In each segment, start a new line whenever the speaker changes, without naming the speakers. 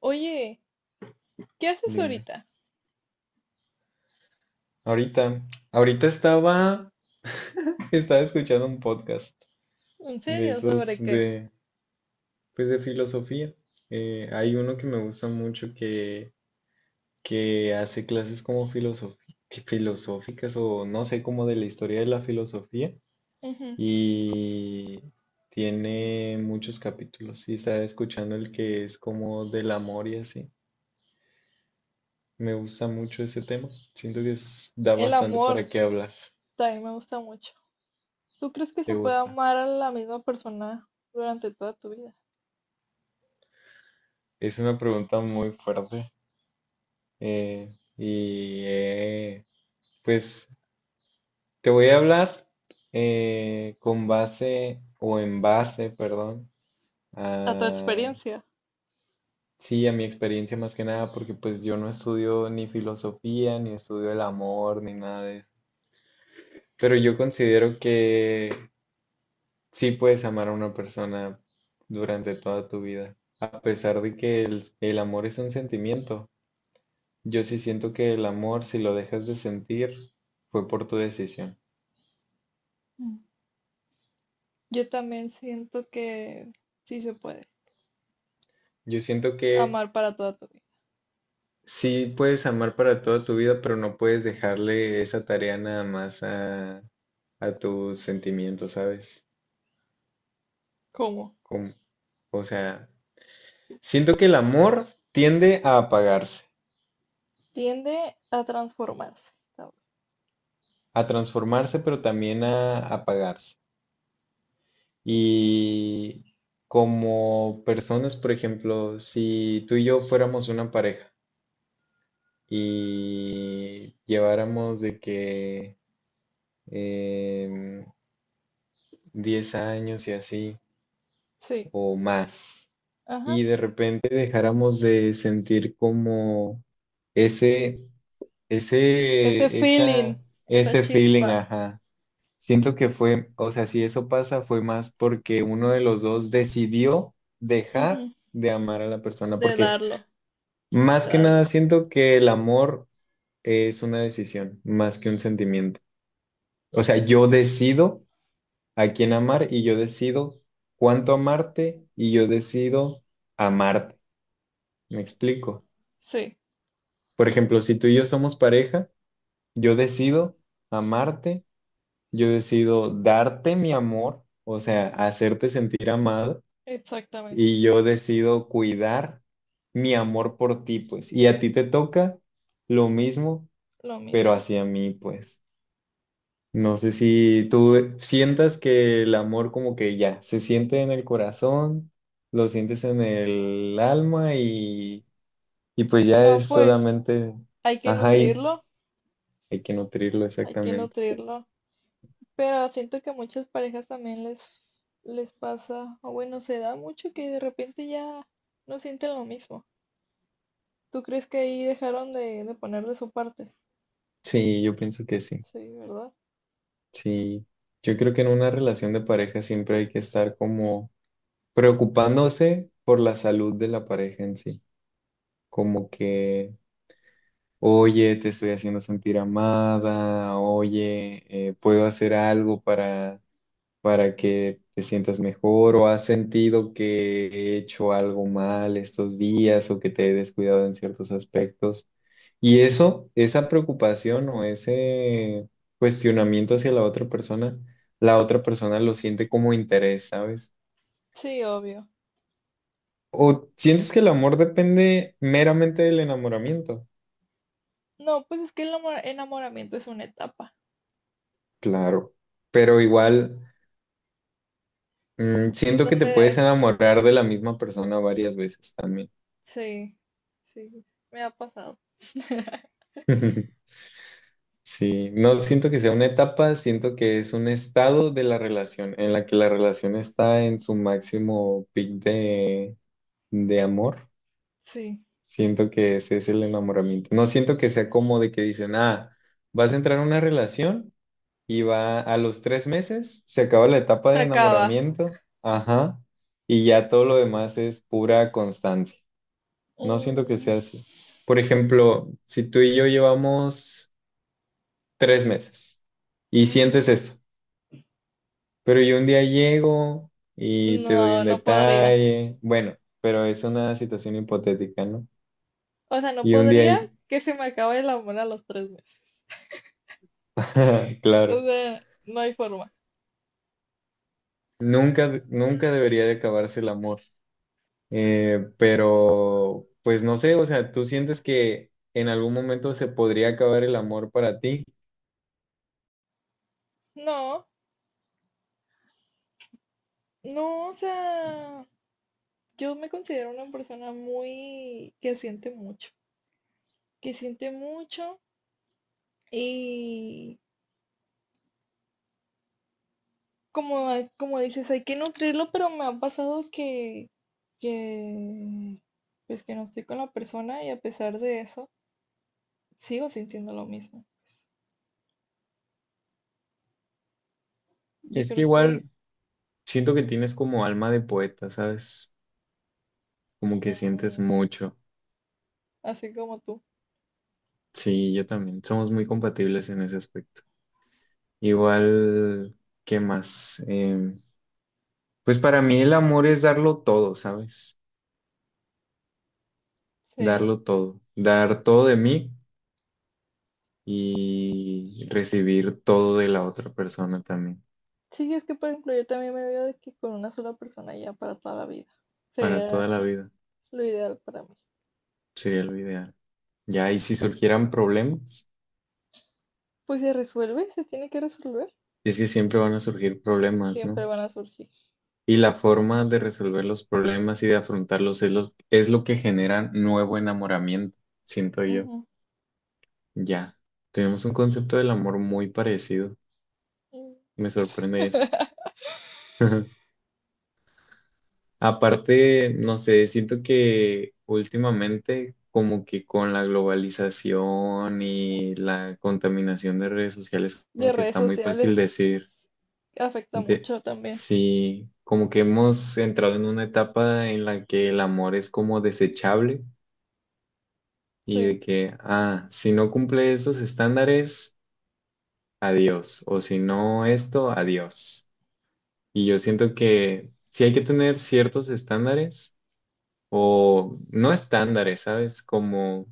Oye, ¿qué haces
Dime.
ahorita?
Ahorita, ahorita estaba, estaba escuchando un podcast
¿En
de
serio?
esos
¿Sobre qué?
de, pues de filosofía. Hay uno que me gusta mucho que hace clases como filosóficas o no sé, como de la historia de la filosofía
Ujú.
y tiene muchos capítulos y estaba escuchando el que es como del amor y así. Me gusta mucho ese tema. Siento que da
El
bastante
amor
para qué hablar.
también me gusta mucho. ¿Tú crees que
¿Te
se puede
gusta?
amar a la misma persona durante toda tu vida?
Es una pregunta muy fuerte. eh, y eh, pues te voy a hablar con base o en base, perdón,
A tu
a,
experiencia.
sí, a mi experiencia más que nada, porque pues yo no estudio ni filosofía, ni estudio el amor, ni nada de eso. Pero yo considero que sí puedes amar a una persona durante toda tu vida, a pesar de que el amor es un sentimiento. Yo sí siento que el amor, si lo dejas de sentir, fue por tu decisión.
Mm. Yo también siento que sí se puede
Yo siento que
amar para toda tu vida.
sí puedes amar para toda tu vida, pero no puedes dejarle esa tarea nada más a tus sentimientos, ¿sabes?
¿Cómo?
Como- o sea, siento que el amor tiende a apagarse,
Tiende a transformarse tal vez.
a transformarse, pero también a apagarse. Y como personas, por ejemplo, si tú y yo fuéramos una pareja, y lleváramos de que em, 10 años y así
Sí,
o más
ajá.
y de repente dejáramos de sentir como ese,
Ese
ese,
feeling,
esa,
esa
ese feeling,
chispa,
ajá. Siento que fue, o sea, si eso pasa fue más porque uno de los dos decidió dejar
ujú,
de amar a la persona,
de
porque
darlo,
más
de
que
darlo.
nada siento que el amor es una decisión, más que un sentimiento. O sea, yo decido a quién amar y yo decido cuánto amarte y yo decido amarte. ¿Me explico?
Sí,
Por ejemplo, si tú y yo somos pareja, yo decido amarte, yo decido darte mi amor, o sea, hacerte sentir amado
exactamente.
y yo decido cuidar mi amor por ti, pues. Y a ti te toca lo mismo,
Lo
pero
mismo.
hacia mí, pues. No sé si tú e, sientas que el amor como que ya se siente en el corazón, lo sientes en el alma y pues ya
No,
es
pues
solamente,
hay que
ajá, y
nutrirlo,
hay que nutrirlo
hay que
exactamente.
nutrirlo, pero siento que a muchas parejas también les pasa, o bueno, se da mucho que de repente ya no sienten lo mismo. ¿Tú crees que ahí dejaron de poner de su parte?
Sí, yo pienso que sí.
Sí, ¿verdad?
Sí, yo creo que en una relación de pareja siempre hay que estar como preocupándose por la salud de la pareja en sí, como que... Oye, te estoy haciendo sentir amada, oye, puedo hacer algo para que te sientas mejor o has sentido que he hecho algo mal estos días o que te he descuidado en ciertos aspectos. Y eso, esa preocupación o ese cuestionamiento hacia la otra persona lo siente como interés, ¿sabes?
Sí, obvio.
¿O sientes que el amor depende meramente del enamoramiento?
No, pues es que el enamoramiento es una etapa
Claro, pero igual siento que te puedes
donde,
enamorar de la misma persona varias veces también.
sí, sí, me ha pasado.
Sí, no siento que sea una etapa, siento que es un estado de la relación en la que la relación está en su máximo pic de amor.
Sí,
Siento que ese es el enamoramiento. No siento que sea como de que dicen, ah, vas a entrar a una relación y va a los 3 meses, se acaba la etapa
se
de
acaba.
enamoramiento, ajá, y ya todo lo demás es pura constancia. No siento que
Mm,
sea así. Por ejemplo, si tú y yo llevamos 3 meses y
ujú.
sientes eso. Pero yo un día llego y te doy
No,
un
no podría.
detalle. Bueno, pero es una situación hipotética, ¿no?
O sea, no
Y un día,
podría que se me acabe el amor a los 3 meses. O
claro,
sea, no hay forma.
nunca, nunca debería de acabarse el amor. Pero, pues no sé, o sea, ¿tú sientes que en algún momento se podría acabar el amor para ti?
No, no, o sea, yo me considero una persona muy que siente mucho y como, como dices, hay que nutrirlo, pero me ha pasado que, pues que no estoy con la persona y a pesar de eso, sigo sintiendo lo mismo. Yo
Es que
creo que,
igual siento que tienes como alma de poeta, ¿sabes? Como que sientes
mm,
mucho.
así como tú,
Sí, yo también. Somos muy compatibles en ese aspecto. Igual, ¿qué más? Pues para mí el amor es darlo todo, ¿sabes?
sí.
Darlo todo, dar todo de mí y recibir todo de la otra persona también,
Sí, es que por ejemplo yo también me veo de que con una sola persona ya para toda la vida.
para
Sería
toda la vida,
lo ideal para mí.
sería lo ideal. Ya, y si surgieran problemas,
Pues se resuelve, se tiene que resolver.
es que siempre van a surgir problemas,
Siempre
¿no?
van a surgir.
Y la forma de resolver los problemas y de afrontarlos es lo que genera nuevo enamoramiento, siento yo.
Ujú.
Ya, tenemos un concepto del amor muy parecido. Me sorprende eso. Aparte, no sé, siento que últimamente como que con la globalización y la contaminación de redes sociales,
De
como que
redes
está muy fácil decir,
sociales afecta
de,
mucho también.
sí, como que hemos entrado en una etapa en la que el amor es como desechable y de
Sí.
que, ah, si no cumple esos estándares, adiós, o si no esto, adiós. Y yo siento que sí hay que tener ciertos estándares o no estándares, ¿sabes? Como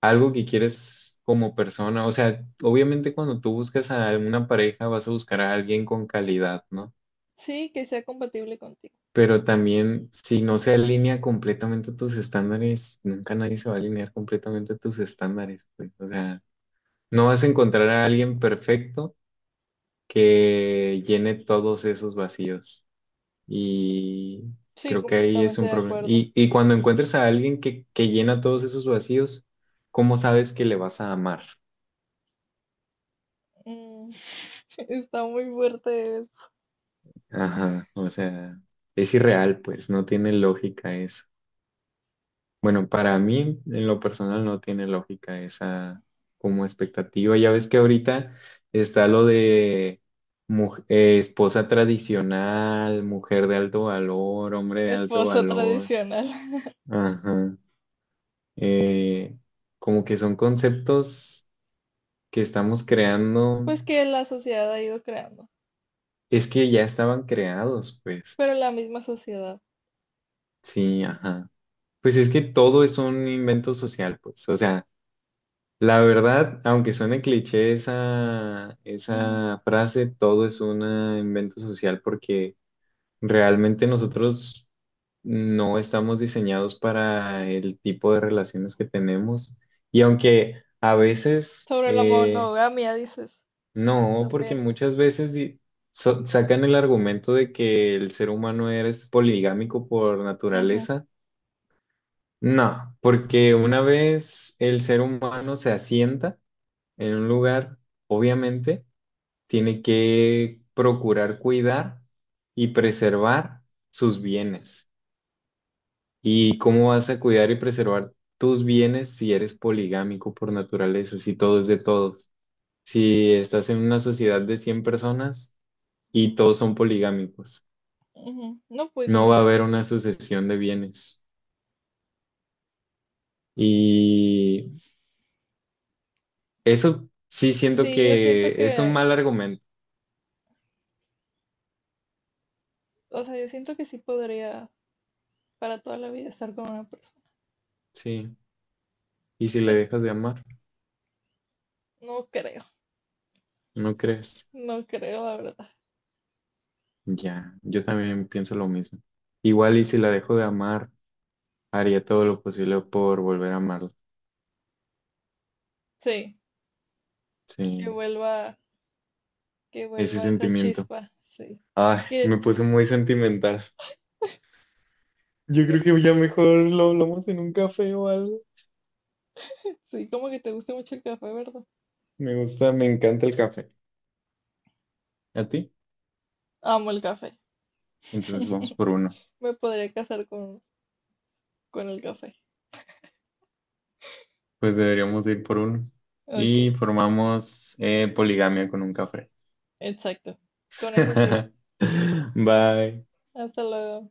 algo que quieres como persona. O sea, obviamente cuando tú buscas a alguna pareja vas a buscar a alguien con calidad, ¿no?
Sí, que sea compatible contigo.
Pero también si no se alinea completamente a tus estándares, nunca nadie se va a alinear completamente a tus estándares, pues. O sea, no vas a encontrar a alguien perfecto que llene todos esos vacíos. Y
Sí,
creo que ahí es
completamente
un
de
problema.
acuerdo.
Y cuando encuentres a alguien que llena todos esos vacíos, ¿cómo sabes que le vas a amar?
Mm, está muy fuerte
Ajá, o sea, es irreal, pues, no tiene lógica eso. Bueno, para mí, en lo personal, no tiene lógica esa como expectativa. Ya ves que ahorita está lo de esposa tradicional, mujer de alto valor, hombre de alto
esposa
valor.
tradicional.
Ajá. eh, Como que son conceptos que estamos creando,
Pues que la sociedad ha ido creando,
es que ya estaban creados, pues,
pero la misma sociedad.
sí, ajá. Pues es que todo es un invento social, pues, o sea, la verdad, aunque suene cliché esa,
Ujú.
esa frase, todo es un invento social porque realmente nosotros no estamos diseñados para el tipo de relaciones que tenemos y aunque a veces...
Sobre la monogamia, dices,
No, porque
también.
muchas veces sacan el argumento de que el ser humano es poligámico por
Ujú,
naturaleza. No, porque una vez el ser humano se asienta en un lugar, obviamente tiene que procurar cuidar y preservar sus bienes. ¿Y cómo vas a cuidar y preservar tus bienes si eres poligámico por naturaleza, si todo es de todos? Si estás en una sociedad de 100 personas y todos son poligámicos.
ujú. No, pues
No va a
nunca.
haber una sucesión de bienes. Y eso sí siento
Sí, yo siento
que es un
que,
mal argumento,
o sea, yo siento que sí podría para toda la vida estar con una persona.
sí. ¿Y si le
Sí,
dejas de amar?
no creo,
¿No crees?
no creo, la verdad.
Ya, yo también pienso lo mismo. Igual y si la dejo de amar, haría todo lo posible por volver a amarla.
Sí, que
Sí,
vuelva, que
ese
vuelva esa
sentimiento.
chispa, sí.
Ay, me
Que,
puse muy sentimental. Yo creo que ya mejor lo hablamos en un café o algo.
sí, como que te gusta mucho el café, ¿verdad?
Me gusta, me encanta el café. ¿A ti?
Amo el café.
Entonces vamos por uno.
Me podría casar con el café.
Pues deberíamos ir por uno.
Ok,
Y formamos poligamia con un café.
exacto. Con eso sí.
Bye.
Hasta luego.